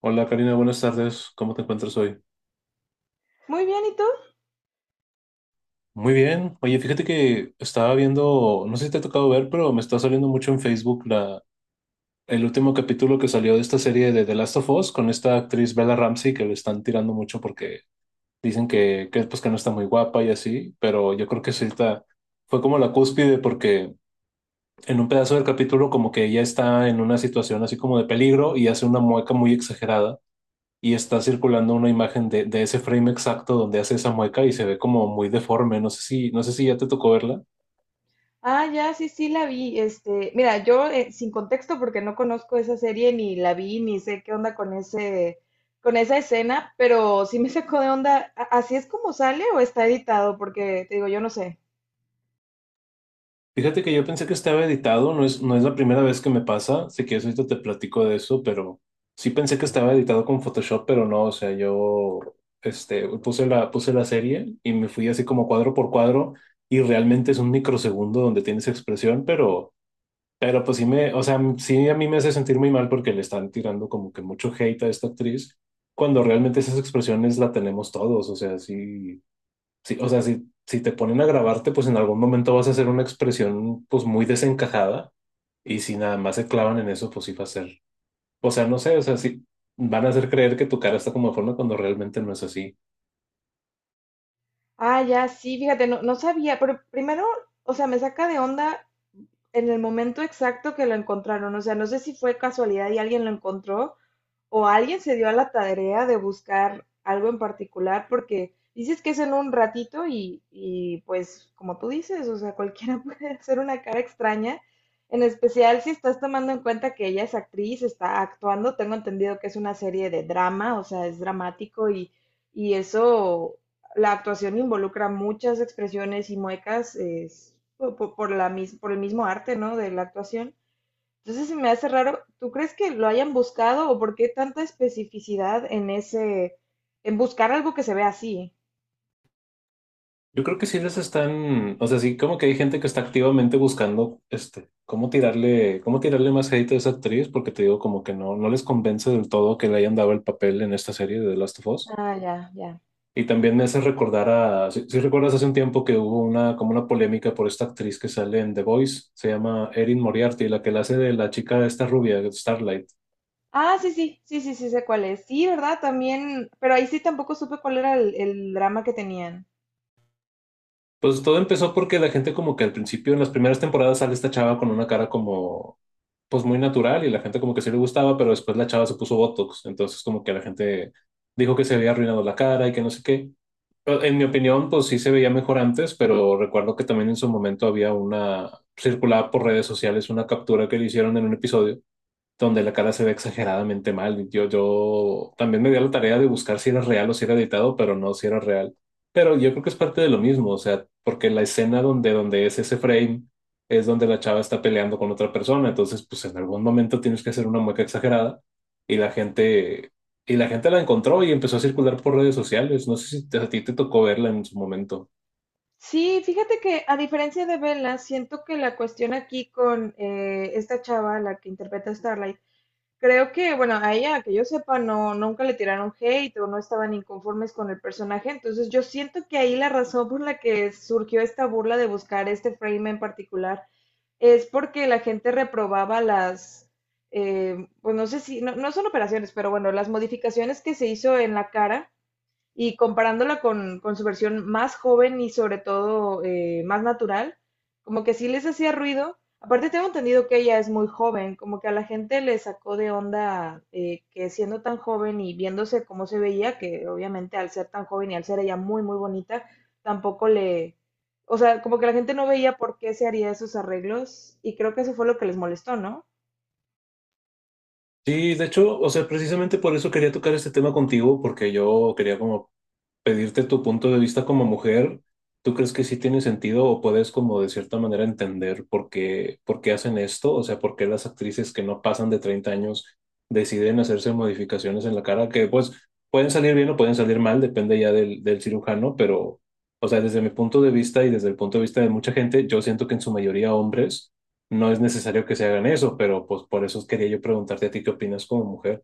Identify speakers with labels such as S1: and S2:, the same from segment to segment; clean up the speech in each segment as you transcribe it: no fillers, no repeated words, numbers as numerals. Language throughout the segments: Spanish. S1: Hola Karina, buenas tardes. ¿Cómo te encuentras hoy?
S2: Muy bien, ¿y tú?
S1: Muy bien. Oye, fíjate que estaba viendo, no sé si te ha tocado ver, pero me está saliendo mucho en Facebook el último capítulo que salió de esta serie de The Last of Us con esta actriz Bella Ramsey que le están tirando mucho porque dicen que pues, que no está muy guapa y así, pero yo creo que sí está, fue como la cúspide porque en un pedazo del capítulo como que ella está en una situación así como de peligro y hace una mueca muy exagerada y está circulando una imagen de ese frame exacto donde hace esa mueca y se ve como muy deforme. No sé si, no sé si ya te tocó verla.
S2: Ah, ya, sí, sí la vi. Mira, yo sin contexto porque no conozco esa serie ni la vi ni sé qué onda con ese con esa escena, pero sí me sacó de onda. ¿Así es como sale o está editado? Porque te digo, yo no sé.
S1: Fíjate que yo pensé que estaba editado, no es la primera vez que me pasa, sé que ahorita te platico de eso, pero sí pensé que estaba editado con Photoshop, pero no, o sea, yo este, puse la serie y me fui así como cuadro por cuadro y realmente es un microsegundo donde tienes expresión, pero pues sí me, o sea, sí a mí me hace sentir muy mal porque le están tirando como que mucho hate a esta actriz, cuando realmente esas expresiones la tenemos todos, o sea, sí, sí, o sea, si te ponen a grabarte, pues en algún momento vas a hacer una expresión pues muy desencajada y si nada más se clavan en eso, pues sí va a ser, o sea, no sé, o sea, sí van a hacer creer que tu cara está como de forma cuando realmente no es así.
S2: Ah, ya, sí, fíjate, no, no sabía, pero primero, o sea, me saca de onda en el momento exacto que lo encontraron. O sea, no sé si fue casualidad y alguien lo encontró o alguien se dio a la tarea de buscar algo en particular, porque dices que es en un ratito y pues como tú dices, o sea, cualquiera puede hacer una cara extraña, en especial si estás tomando en cuenta que ella es actriz, está actuando, tengo entendido que es una serie de drama, o sea, es dramático y eso, la actuación involucra muchas expresiones y muecas es, por, la, por el mismo arte, ¿no? De la actuación. Entonces se me hace raro. ¿Tú crees que lo hayan buscado o por qué tanta especificidad en ese, en buscar algo que se vea así?
S1: Yo creo que sí les están, o sea, sí, como que hay gente que está activamente buscando, este, cómo tirarle más hate a esa actriz, porque te digo, como que no, no les convence del todo que le hayan dado el papel en esta serie de The Last of Us.
S2: Ah, ya, ya.
S1: Y también me hace recordar a, si recuerdas hace un tiempo que hubo una, como una polémica por esta actriz que sale en The Voice, se llama Erin Moriarty, la que la hace de la chica esta rubia, Starlight.
S2: Ah, sí, sí, sí, sí, sí, sé cuál es. Sí, ¿verdad? También, pero ahí sí tampoco supe cuál era el drama que tenían.
S1: Pues todo empezó porque la gente como que al principio, en las primeras temporadas, sale esta chava con una cara como pues muy natural y la gente como que sí le gustaba, pero después la chava se puso Botox, entonces como que la gente dijo que se había arruinado la cara y que no sé qué. Pero en mi opinión, pues sí se veía mejor antes, pero recuerdo que también en su momento había una, circulada por redes sociales una captura que le hicieron en un episodio donde la cara se ve exageradamente mal. Yo también me di a la tarea de buscar si era real o si era editado, pero no si era real. Pero yo creo que es parte de lo mismo, o sea, porque la escena donde es ese frame es donde la chava está peleando con otra persona, entonces pues en algún momento tienes que hacer una mueca exagerada y la gente, y la gente la encontró y empezó a circular por redes sociales. No sé si te- a ti te tocó verla en su momento.
S2: Sí, fíjate que a diferencia de Bella, siento que la cuestión aquí con esta chava, la que interpreta a Starlight, creo que, bueno, a ella, que yo sepa, no, nunca le tiraron hate o no estaban inconformes con el personaje. Entonces, yo siento que ahí la razón por la que surgió esta burla de buscar este frame en particular es porque la gente reprobaba las, pues no sé si, no, no son operaciones, pero bueno, las modificaciones que se hizo en la cara y comparándola con su versión más joven y sobre todo más natural, como que sí les hacía ruido. Aparte tengo entendido que ella es muy joven, como que a la gente le sacó de onda que siendo tan joven y viéndose cómo se veía, que obviamente al ser tan joven y al ser ella muy, muy bonita, tampoco le, o sea, como que la gente no veía por qué se haría esos arreglos y creo que eso fue lo que les molestó, ¿no?
S1: Sí, de hecho, o sea, precisamente por eso quería tocar este tema contigo, porque yo quería como pedirte tu punto de vista como mujer. ¿Tú crees que sí tiene sentido o puedes como de cierta manera entender por qué hacen esto? O sea, por qué las actrices que no pasan de 30 años deciden hacerse modificaciones en la cara que pues pueden salir bien o pueden salir mal, depende ya del cirujano, pero, o sea, desde mi punto de vista y desde el punto de vista de mucha gente, yo siento que en su mayoría hombres no es necesario que se hagan eso, pero pues por eso quería yo preguntarte a ti qué opinas como mujer.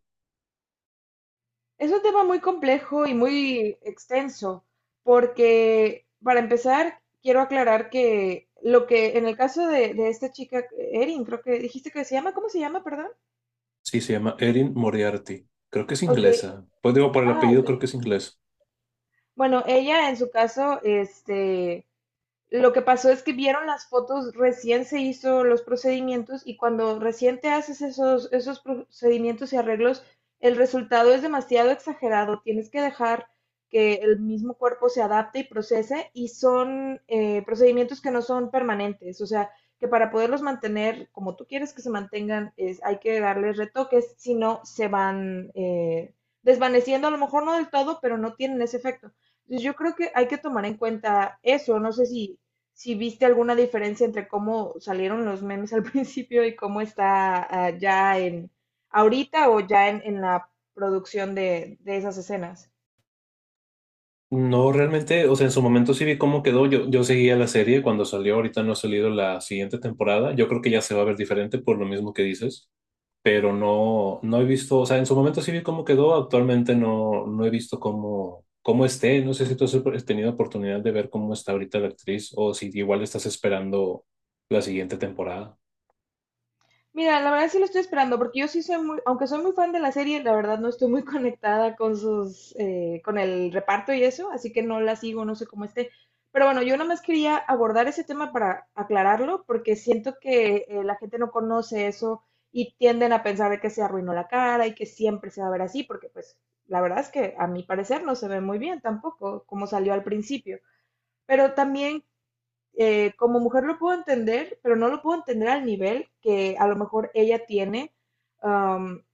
S2: Es un tema muy complejo y muy extenso, porque para empezar, quiero aclarar que lo que en el caso de esta chica, Erin, creo que dijiste que se llama. ¿Cómo se llama, perdón?
S1: Sí, se llama Erin Moriarty. Creo que es
S2: Ok,
S1: inglesa. Pues digo, por el
S2: ah, ok.
S1: apellido creo que es inglés.
S2: Bueno, ella en su caso, lo que pasó es que vieron las fotos, recién se hizo los procedimientos y cuando recién te haces esos, esos procedimientos y arreglos, el resultado es demasiado exagerado. Tienes que dejar que el mismo cuerpo se adapte y procese y son procedimientos que no son permanentes. O sea, que para poderlos mantener como tú quieres que se mantengan, es, hay que darles retoques, si no se van desvaneciendo, a lo mejor no del todo, pero no tienen ese efecto. Entonces yo creo que hay que tomar en cuenta eso. No sé si viste alguna diferencia entre cómo salieron los memes al principio y cómo está ah, ya en ahorita o ya en la producción de esas escenas.
S1: No, realmente, o sea, en su momento sí vi cómo quedó. Yo seguía la serie cuando salió, ahorita no ha salido la siguiente temporada. Yo creo que ya se va a ver diferente por lo mismo que dices. Pero no, no he visto, o sea, en su momento sí vi cómo quedó, actualmente no, no he visto cómo, cómo esté, no sé si tú has tenido oportunidad de ver cómo está ahorita la actriz o si igual estás esperando la siguiente temporada.
S2: Mira, la verdad sí lo estoy esperando, porque yo sí soy muy, aunque soy muy fan de la serie, la verdad no estoy muy conectada con sus, con el reparto y eso, así que no la sigo, no sé cómo esté. Pero bueno, yo nada más quería abordar ese tema para aclararlo, porque siento que la gente no conoce eso y tienden a pensar de que se arruinó la cara y que siempre se va a ver así, porque pues la verdad es que a mi parecer no se ve muy bien tampoco, como salió al principio. Pero también como mujer lo puedo entender, pero no lo puedo entender al nivel que a lo mejor ella tiene, am,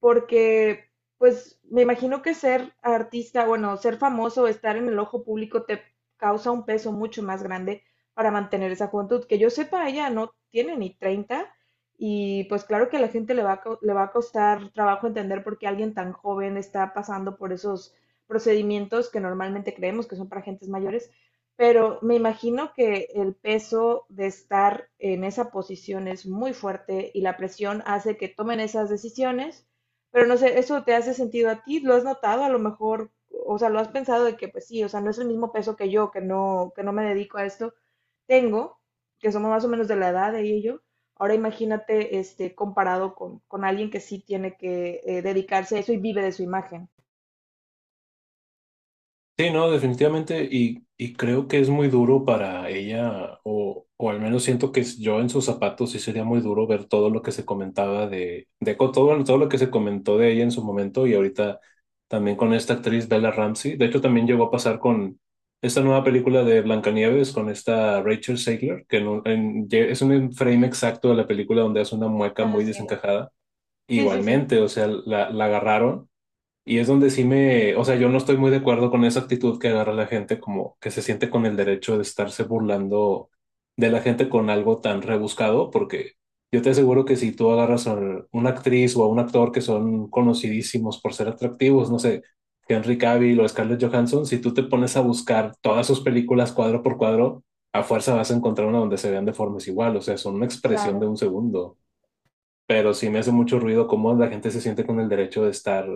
S2: porque pues me imagino que ser artista, bueno, ser famoso, estar en el ojo público te causa un peso mucho más grande para mantener esa juventud. Que yo sepa, ella no tiene ni 30, y pues claro que a la gente le va a, le va a costar trabajo entender por qué alguien tan joven está pasando por esos procedimientos que normalmente creemos que son para gentes mayores. Pero me imagino que el peso de estar en esa posición es muy fuerte y la presión hace que tomen esas decisiones, pero no sé, ¿eso te hace sentido a ti? ¿Lo has notado a lo mejor? O sea, ¿lo has pensado de que pues sí, o sea, no es el mismo peso que yo, que no me dedico a esto, tengo, que somos más o menos de la edad de ella y yo. Ahora imagínate, comparado con alguien que sí tiene que dedicarse a eso y vive de su imagen.
S1: Sí, no, definitivamente, y creo que es muy duro para ella, o al menos siento que yo en sus zapatos sí sería muy duro ver todo lo que se comentaba todo, todo lo que se comentó de ella en su momento y ahorita también con esta actriz Bella Ramsey. De hecho, también llegó a pasar con esta nueva película de Blancanieves con esta Rachel Zegler, que en un- en- lle- es un frame exacto de la película donde hace una mueca
S2: Ah,
S1: muy
S2: sí,
S1: desencajada.
S2: sí, sí, sí,
S1: Igualmente, o sea, la agarraron. Y es donde sí me, o sea, yo no estoy muy de acuerdo con esa actitud que agarra la gente como que se siente con el derecho de estarse burlando de la gente con algo tan rebuscado, porque yo te aseguro que si tú agarras a una actriz o a un actor que son conocidísimos por ser atractivos, no sé, Henry Cavill o Scarlett Johansson, si tú te pones a buscar todas sus películas cuadro por cuadro, a fuerza vas a encontrar una donde se vean de formas igual, o sea, son una expresión de
S2: claro.
S1: un segundo, pero sí me hace mucho ruido cómo la gente se siente con el derecho de estar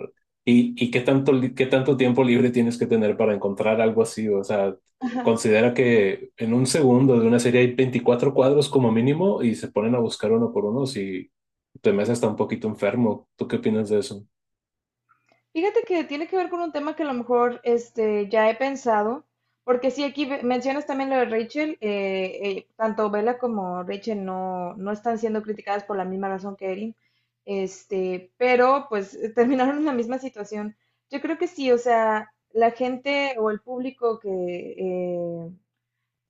S1: y qué tanto, qué tanto tiempo libre tienes que tener para encontrar algo así. O sea, considera que en un segundo de una serie hay 24 cuadros como mínimo y se ponen a buscar uno por uno. Si te me hace hasta un poquito enfermo, ¿tú qué opinas de eso?
S2: Fíjate que tiene que ver con un tema que a lo mejor ya he pensado, porque sí, aquí mencionas también lo de Rachel, tanto Bella como Rachel no, no están siendo criticadas por la misma razón que Erin, pero pues terminaron en la misma situación. Yo creo que sí, o sea, la gente o el público que, eh,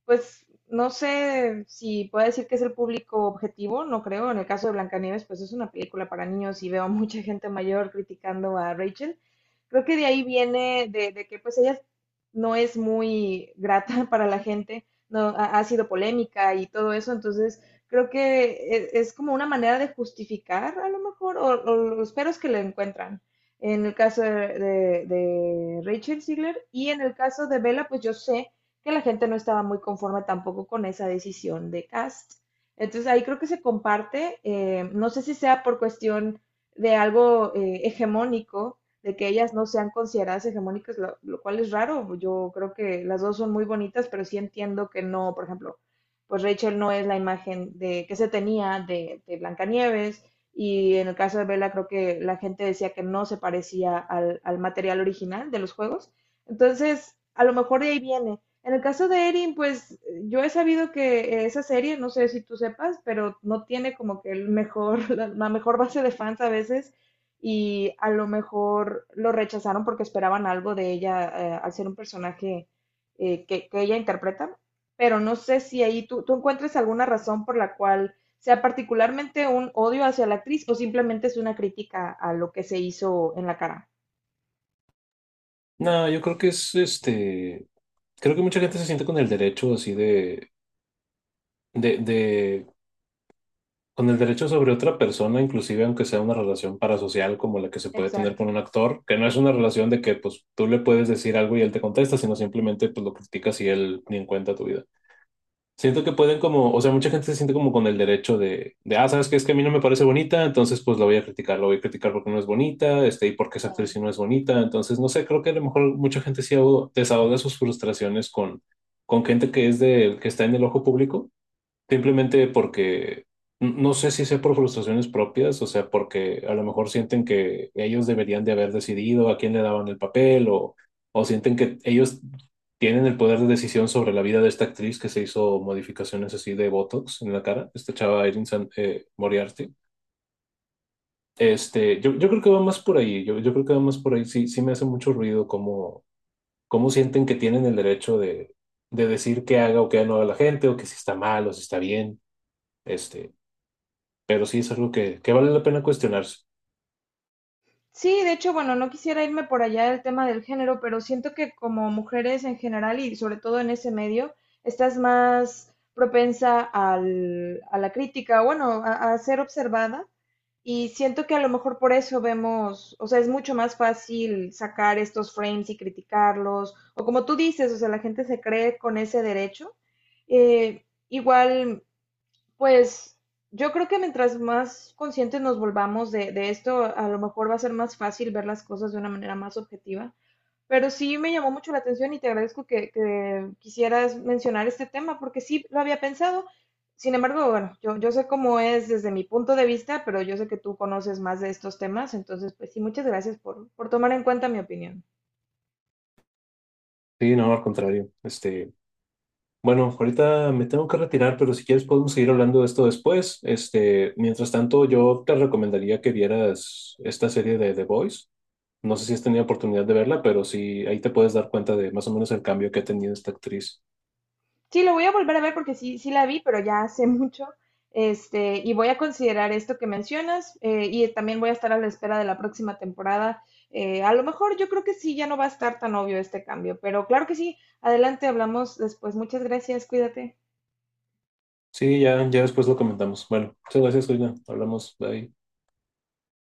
S2: pues no sé si puedo decir que es el público objetivo, no creo. En el caso de Blancanieves, pues es una película para niños y veo a mucha gente mayor criticando a Rachel. Creo que de ahí viene de que pues ella no es muy grata para la gente, no ha, ha sido polémica y todo eso, entonces creo que es, como una manera de justificar a lo mejor o los peros que le encuentran. En el caso de, de Rachel Ziegler y en el caso de Bella, pues yo sé que la gente no estaba muy conforme tampoco con esa decisión de Cast. Entonces ahí creo que se comparte, no sé si sea por cuestión de algo hegemónico, de que ellas no sean consideradas hegemónicas, lo, cual es raro. Yo creo que las dos son muy bonitas, pero sí entiendo que no, por ejemplo, pues Rachel no es la imagen de que se tenía de Blancanieves y en el caso de Bella creo que la gente decía que no se parecía al, al material original de los juegos. Entonces, a lo mejor de ahí viene, en el caso de Erin, pues yo he sabido que esa serie, no sé si tú sepas, pero no tiene como que el mejor, la mejor base de fans a veces y a lo mejor lo rechazaron porque esperaban algo de ella al ser un personaje ella interpreta, pero no sé si ahí tú, tú encuentres alguna razón por la cual sea particularmente un odio hacia la actriz o simplemente es una crítica a lo que se hizo en la cara.
S1: No, yo creo que es este, creo que mucha gente se siente con el derecho así de con el derecho sobre otra persona, inclusive aunque sea una relación parasocial como la que se puede tener
S2: Exacto.
S1: con un actor, que no es una relación de que pues tú le puedes decir algo y él te contesta, sino simplemente pues lo criticas y él ni en cuenta tu vida. Siento que pueden como, o sea, mucha gente se siente como con el derecho de ah, sabes que es que a mí no me parece bonita, entonces pues la voy a criticar, la voy a criticar porque no es bonita, este, y porque esa actriz sí no es bonita, entonces no sé, creo que a lo mejor mucha gente sí desahoga sus frustraciones con gente que está en el ojo público simplemente porque no sé si sea por frustraciones propias, o sea, porque a lo mejor sienten que ellos deberían de haber decidido a quién le daban el papel o sienten que ellos tienen el poder de decisión sobre la vida de esta actriz que se hizo modificaciones así de Botox en la cara, esta chava Moriarty. Este, yo creo que va más por ahí, yo creo que va más por ahí, sí, sí me hace mucho ruido cómo, cómo sienten que tienen el derecho de decir qué haga o qué no haga la gente o que si está mal o si está bien. Este, pero sí es algo que vale la pena cuestionarse.
S2: Sí, de hecho, bueno, no quisiera irme por allá del tema del género, pero siento que como mujeres en general y sobre todo en ese medio, estás más propensa a la crítica, bueno, a ser observada y siento que a lo mejor por eso vemos, o sea, es mucho más fácil sacar estos frames y criticarlos, o como tú dices, o sea, la gente se cree con ese derecho. Igual pues yo creo que mientras más conscientes nos volvamos de esto, a lo mejor va a ser más fácil ver las cosas de una manera más objetiva. Pero sí me llamó mucho la atención y te agradezco que quisieras mencionar este tema, porque sí lo había pensado. Sin embargo, bueno, yo sé cómo es desde mi punto de vista, pero yo sé que tú conoces más de estos temas, entonces, pues sí, muchas gracias por tomar en cuenta mi opinión.
S1: Sí, no, al contrario. Este, bueno, ahorita me tengo que retirar, pero si quieres podemos seguir hablando de esto después. Este, mientras tanto, yo te recomendaría que vieras esta serie de The Voice. No sé si has tenido oportunidad de verla, pero sí, ahí te puedes dar cuenta de más o menos el cambio que ha tenido esta actriz.
S2: Sí, lo voy a volver a ver porque sí, sí la vi, pero ya hace mucho. Y voy a considerar esto que mencionas y también voy a estar a la espera de la próxima temporada. A lo mejor yo creo que sí, ya no va a estar tan obvio este cambio, pero claro que sí. Adelante, hablamos después. Muchas gracias, cuídate.
S1: Sí, ya, ya después lo comentamos. Bueno, muchas gracias, Karina. Hablamos. Bye.